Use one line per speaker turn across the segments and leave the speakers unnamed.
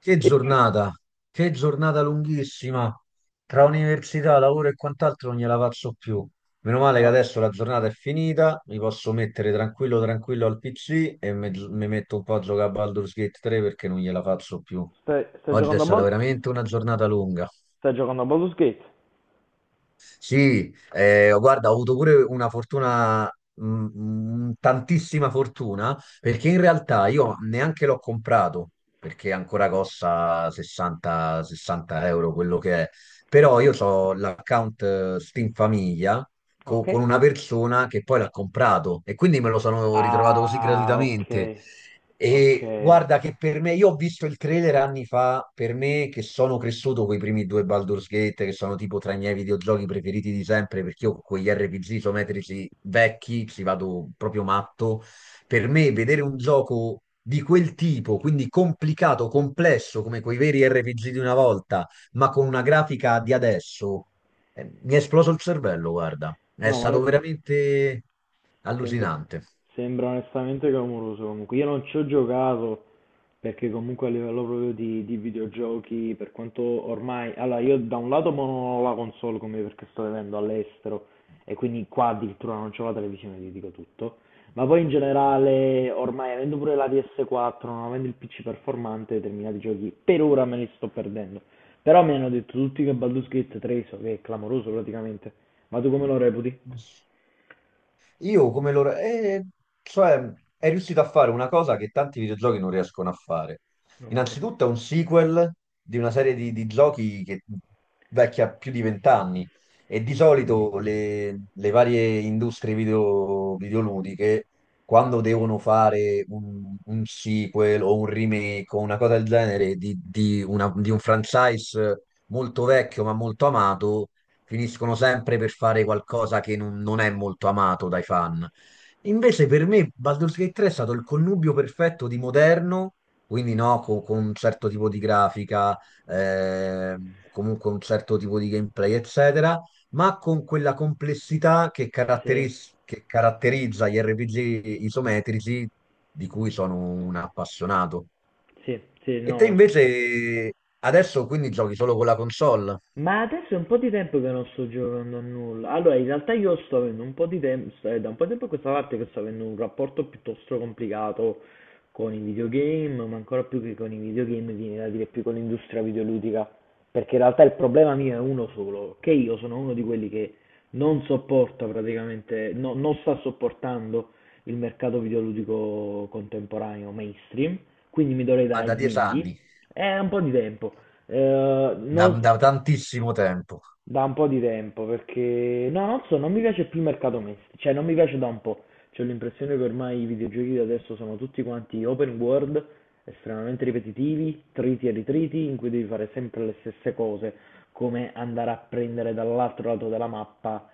Che
E lui,
giornata, che giornata lunghissima. Tra università, lavoro e quant'altro non gliela faccio più. Meno male che
no,
adesso la giornata è finita, mi posso mettere tranquillo tranquillo al PC e mi metto un po' a giocare a Baldur's Gate 3 perché non gliela faccio più.
sta
Oggi è
giocando a
stata veramente una giornata lunga.
Sta giocando a Baldur's Gate.
Sì, guarda, ho avuto pure una fortuna, mm, tantissima fortuna, perché in realtà io neanche l'ho comprato, perché ancora costa 60 euro quello che è. Però io ho l'account Steam Famiglia
Ok.
con una persona che poi l'ha comprato e quindi me lo sono ritrovato così
Ah, ok,
gratuitamente.
ok.
E guarda che per me, io ho visto il trailer anni fa, per me che sono cresciuto con i primi due Baldur's Gate, che sono tipo tra i miei videogiochi preferiti di sempre, perché io con gli RPG isometrici vecchi ci vado proprio matto. Per me vedere un gioco di quel tipo, quindi complicato, complesso, come quei veri RPG di una volta, ma con una grafica di adesso, mi è esploso il cervello, guarda. È
No, ma
stato
adesso
veramente
sembra,
allucinante.
sembra onestamente clamoroso comunque. Io non ci ho giocato. Perché comunque a livello proprio di videogiochi, per quanto ormai... Allora, io da un lato mo non ho la console come perché sto vivendo all'estero e quindi qua addirittura non c'ho la televisione, ti dico tutto. Ma poi in generale, ormai avendo pure la PS4, non avendo il PC performante, determinati giochi per ora me li sto perdendo. Però mi hanno detto tutti che Baldur's Gate 3, so che è clamoroso praticamente. Ma tu come lo reputi?
Io come loro... cioè, è riuscito a fare una cosa che tanti videogiochi non riescono a fare.
Ok.
Innanzitutto è un sequel di una serie di giochi che vecchia più di 20 anni e di solito le varie industrie videoludiche, quando devono fare un sequel o un remake o una cosa del genere di un franchise molto vecchio ma molto amato, finiscono sempre per fare qualcosa che non è molto amato dai fan. Invece per me Baldur's Gate 3 è stato il connubio perfetto di moderno, quindi no, un certo tipo di grafica, eh, comunque un certo tipo di gameplay, eccetera, ma con quella complessità che,
Sì,
caratteris- che caratterizza gli RPG isometrici di cui sono un appassionato.
sì, sì,
E te
no, lo so.
invece adesso quindi giochi solo con la console,
Ma adesso è un po' di tempo che non sto giocando a nulla. Allora, in realtà io sto avendo un po' di tempo, è da un po' di tempo a questa parte che sto avendo un rapporto piuttosto complicato con i videogame, ma ancora più che con i videogame, viene da dire più con l'industria videoludica. Perché in realtà il problema mio è uno solo, che io sono uno di quelli che non sopporta praticamente, non sta sopportando il mercato videoludico contemporaneo mainstream, quindi mi dovrei
ma
dare
da
agli
dieci
indie.
anni.
È un po' di tempo. Eh,
da,
non-
da tantissimo tempo.
Da un po' di tempo, perché no, non so, non mi piace più il mercato misto, cioè non mi piace da un po'. C'ho l'impressione che ormai i videogiochi di adesso sono tutti quanti open world, estremamente ripetitivi, triti e ritriti, in cui devi fare sempre le stesse cose, come andare a prendere dall'altro lato della mappa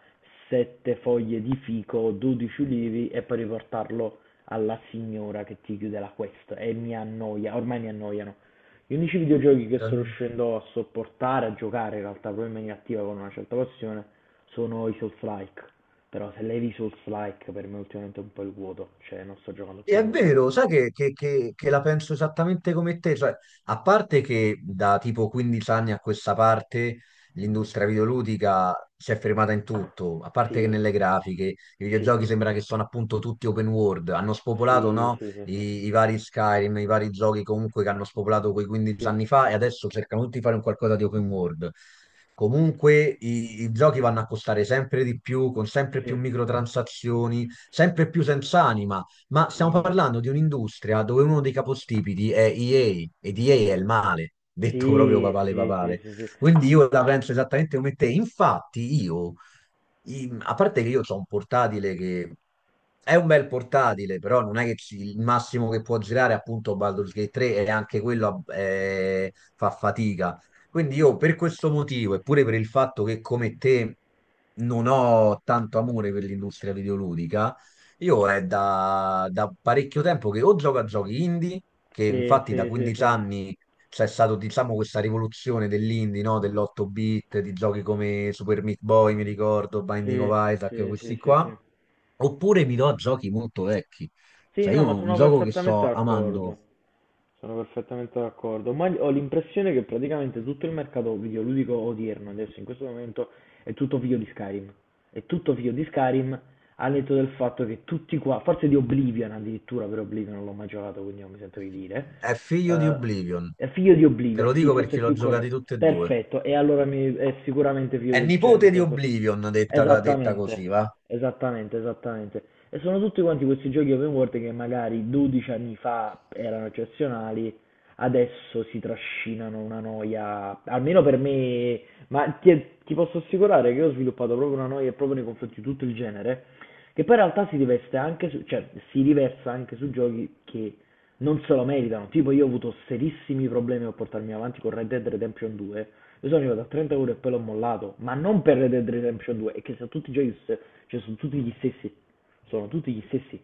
sette foglie di fico, 12 ulivi e poi riportarlo alla signora che ti chiude la quest e mi annoia, ormai mi annoiano. Gli unici videogiochi che sto
Gran-
riuscendo a sopportare, a giocare in realtà proprio in maniera attiva con una certa passione, sono i Souls-like. Però se levi i Souls-like per me ultimamente è un po' il vuoto, cioè non sto giocando più a
È
nulla.
vero, sai che la penso esattamente come te, cioè, a parte che da tipo 15 anni a questa parte l'industria videoludica si è fermata in tutto, a parte che
Sì,
nelle grafiche, i
sì,
videogiochi sembra che sono appunto tutti open world, hanno spopolato
sì,
no,
sì, sì, sì,
i vari Skyrim, i vari giochi comunque che hanno spopolato quei 15 anni fa e adesso cercano tutti di fare un qualcosa di open world. Comunque i giochi vanno a costare sempre di più, con sempre più
sì.
microtransazioni, sempre più senza anima. Ma stiamo
Sì.
parlando di un'industria dove uno dei capostipiti è EA ed EA è il male, detto proprio
Sì,
papale
sì, sì, sì,
papale.
sì, sì,
Quindi io la penso esattamente come te. Infatti io, a parte che io ho un portatile che è un bel portatile, però non è che il massimo che può girare è appunto Baldur's Gate 3 e anche quello fa fatica. Quindi io per questo motivo, eppure per il fatto che come te non ho tanto amore per l'industria videoludica, io è da parecchio tempo che o gioco a giochi indie, che
sì,
infatti da
sì, sì,
15
sì.
anni c'è stata, diciamo, questa rivoluzione dell'indie, no? Dell'8-bit, di giochi come Super Meat Boy, mi ricordo, Binding
Sì,
of Isaac,
sì,
questi
sì, sì,
qua.
sì.
Oppure mi do a giochi molto vecchi.
Sì,
Cioè,
no,
io
ma
un
sono
gioco che
perfettamente
sto
d'accordo.
amando
Sono perfettamente d'accordo. Ma ho l'impressione che praticamente tutto il mercato videoludico odierno, adesso in questo momento, è tutto figlio di Skyrim. È tutto figlio di Skyrim, al netto del fatto che tutti qua, forse di Oblivion addirittura, per Oblivion non l'ho mai giocato, quindi non mi sento di dire.
è figlio di
Eh,
Oblivion.
è figlio di
Te lo
Oblivion, sì,
dico
forse è
perché l'ho
più
giocati
corretto.
tutti e due.
Perfetto, e allora è sicuramente figlio
È
di... cioè, nel
nipote di
senso...
Oblivion, detta
Esattamente,
così, va?
esattamente, esattamente. E sono tutti quanti questi giochi open world che magari 12 anni fa erano eccezionali, adesso si trascinano una noia, almeno per me, ma ti posso assicurare che io ho sviluppato proprio una noia proprio nei confronti di tutto il genere, che poi in realtà si riveste anche su, cioè si riversa anche su giochi che non se lo meritano. Tipo, io ho avuto serissimi problemi a portarmi avanti con Red Dead Redemption 2. Io sono arrivato a 30 ore e poi l'ho mollato. Ma non per Red Dead Redemption 2, è che sono tutti giochi, cioè sono tutti gli stessi. Sono tutti gli stessi.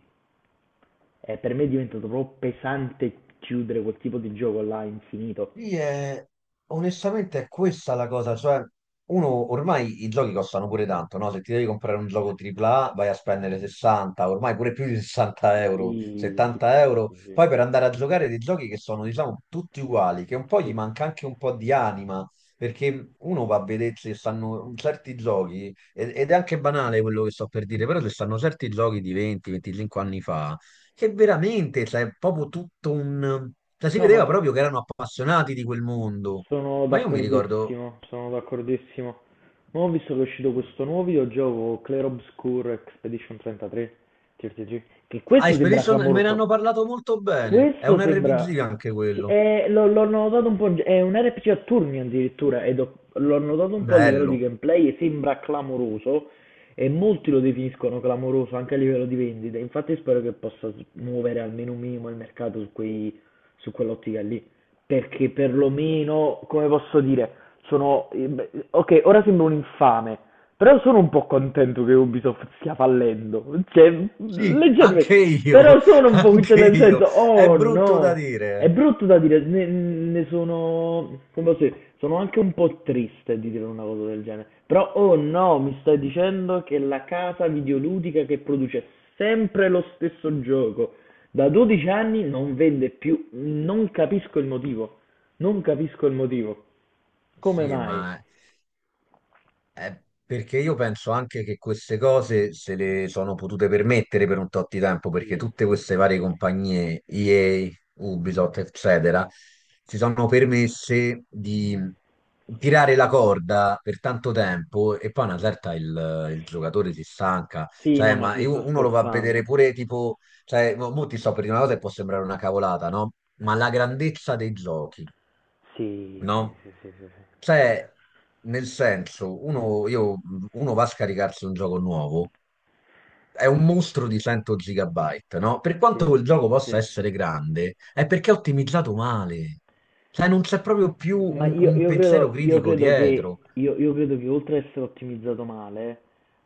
E per me è diventato troppo pesante chiudere quel tipo di gioco là infinito.
Sì, onestamente è questa la cosa, cioè uno ormai i giochi costano pure tanto, no? Se ti devi comprare un gioco AAA vai a spendere 60, ormai pure più di 60 euro,
Sì, sì, sì,
70
sì,
euro,
sì, sì.
poi per andare a giocare dei giochi che sono diciamo tutti uguali, che un po' gli
Sì.
manca anche un po' di anima, perché uno va a vedere se stanno certi giochi, ed è anche banale quello che sto per dire, però se stanno certi giochi di 20-25 anni fa che veramente, cioè, è proprio tutto un... Cioè, si
No, ma
vedeva
so-
proprio che erano appassionati di quel mondo.
Sono
Ma io mi ricordo...
d'accordissimo, sono d'accordissimo. Non ho visto che è uscito questo nuovo videogioco Clair Obscur Expedition 33, TRPG. Che
Ah,
questo sembra
Expedition me ne hanno
clamoroso.
parlato molto bene. È
Questo
un RPG
sembra...
anche
sì,
quello.
l'ho notato un po', in è un RPG a turni addirittura, l'ho notato un po' a livello di
Bello.
gameplay e sembra clamoroso, e molti lo definiscono clamoroso anche a livello di vendita, infatti spero che possa muovere almeno un minimo il mercato su quei, su quell'ottica lì, perché perlomeno, come posso dire sono... Ok, ora sembro un infame, però sono un po' contento che Ubisoft stia fallendo. Cioè,
Sì, anche
leggermente...
io,
Però sono un po'... Cioè,
anche
nel
io.
senso,
È
oh
brutto da
no! È
dire.
brutto da dire, ne sono... Come posso dire? Sono anche un po' triste di dire una cosa del genere. Però, oh no, mi stai dicendo che la casa videoludica che produce sempre lo stesso gioco da 12 anni non vende più. Non capisco il motivo. Non capisco il motivo. Come
Sì,
mai?
ma perché io penso anche che queste cose se le sono potute permettere per un tot di tempo, perché
Sì.
tutte queste varie compagnie, EA, Ubisoft, eccetera, si sono permesse di tirare la corda per tanto tempo e poi a una certa il giocatore si stanca.
Sì, no,
Cioè,
ma
ma
ci sto
uno lo va a vedere
scherzando.
pure tipo, cioè, mo ti sto per dire una cosa che può sembrare una cavolata, no? Ma la grandezza dei giochi
Sì, sì,
no?
sì, sì, sì, sì.
Cioè, nel senso, uno, uno va a scaricarsi un gioco nuovo, è un mostro di 100 gigabyte, no? Per quanto
Sì,
quel gioco possa
sì.
essere grande, è perché è ottimizzato male. Cioè, non c'è proprio più un, un pensiero
Io
critico
credo che,
dietro.
io credo che oltre ad essere ottimizzato male,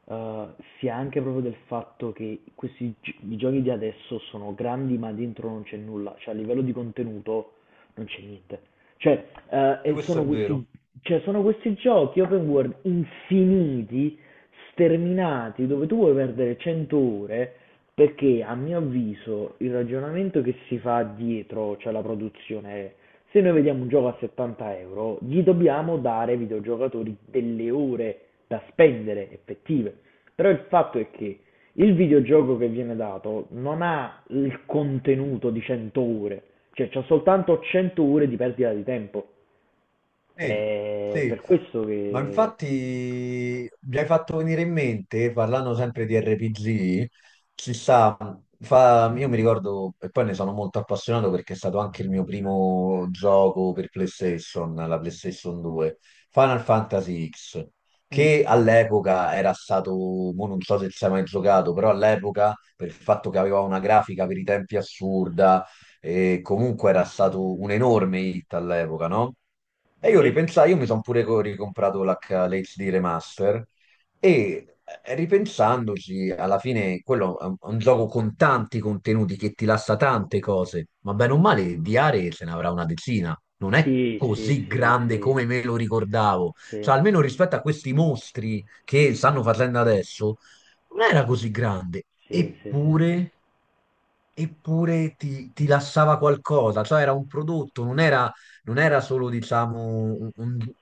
eh, sia anche proprio del fatto che questi i giochi di adesso sono grandi, ma dentro non c'è nulla, cioè a livello di contenuto non c'è niente. Cioè, eh,
Perché
e
questo
sono
è
questi,
vero.
sono questi giochi open world infiniti sterminati, dove tu vuoi perdere 100 ore, perché a mio avviso il ragionamento che si fa dietro, cioè la produzione, è se noi vediamo un gioco a 70 euro, gli dobbiamo dare ai videogiocatori delle ore da spendere effettive. Però il fatto è che il videogioco che viene dato non ha il contenuto di 100 ore, cioè c'ha soltanto 100 ore di perdita di tempo.
Sì,
È
sì,
per questo
ma
che...
infatti mi hai fatto venire in mente, parlando sempre di RPG, ci sta, io mi ricordo, e poi ne sono molto appassionato perché è stato anche il mio primo gioco per PlayStation, la PlayStation 2, Final Fantasy X,
Mm,
che all'epoca era stato, mo non so se ci hai mai giocato, però all'epoca, per il fatto che aveva una grafica per i tempi assurda, e comunque era stato un enorme hit all'epoca, no? E io
sì?
ripensai, io mi sono pure ricomprato l'HD Remaster e ripensandoci, alla fine quello è un gioco con tanti contenuti che ti lascia tante cose, ma bene o male di aree se ne avrà una decina, non è
Sì, sì,
così
sì,
grande
sì,
come me lo ricordavo,
sì,
cioè almeno rispetto a questi mostri che stanno facendo adesso, non era così grande,
sì, sì, sì.
eppure ti lasciava qualcosa, cioè era un prodotto, non era solo, diciamo, un, un-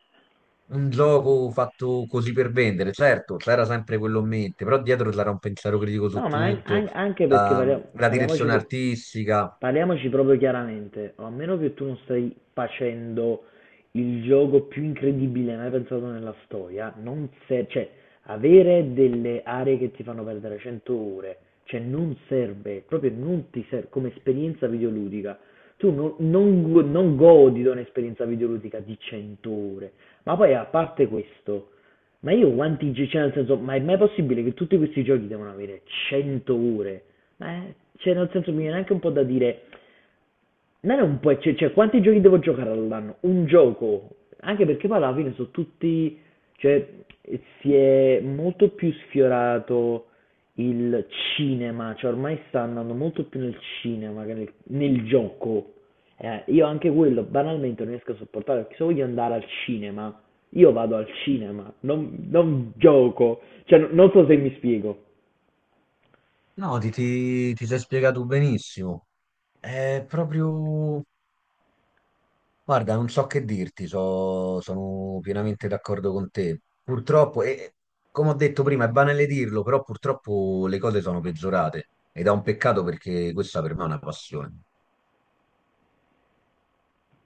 un gioco fatto così per vendere. Certo, c'era sempre quello in mente, però dietro c'era un pensiero critico su
No, ma
tutto,
anche perché
la, la
parliamoci,
direzione artistica.
parliamoci proprio chiaramente, a meno che tu non stai facendo il gioco più incredibile mai pensato nella storia, non serve, cioè, avere delle aree che ti fanno perdere 100 ore, cioè non serve, proprio non ti serve come esperienza videoludica. Tu non godi di un'esperienza videoludica di 100 ore, ma poi a parte questo. Ma io quanti giochi, cioè nel senso, ma è mai possibile che tutti questi giochi devono avere 100 ore? Ma, cioè nel senso mi viene anche un po' da dire, non è un po', cioè, quanti giochi devo giocare all'anno? Un gioco. Anche perché poi alla fine sono tutti, cioè, si è molto più sfiorato il cinema, cioè ormai sta andando molto più nel cinema che nel gioco. Io anche quello banalmente non riesco a sopportare perché se voglio andare al cinema, io vado al cinema, non gioco. Cioè, non so se mi spiego.
No, ti sei spiegato benissimo. È proprio... Guarda, non so che dirti, sono pienamente d'accordo con te. Purtroppo, e come ho detto prima, è banale dirlo, però purtroppo le cose sono peggiorate ed è un peccato perché questa per me è una passione.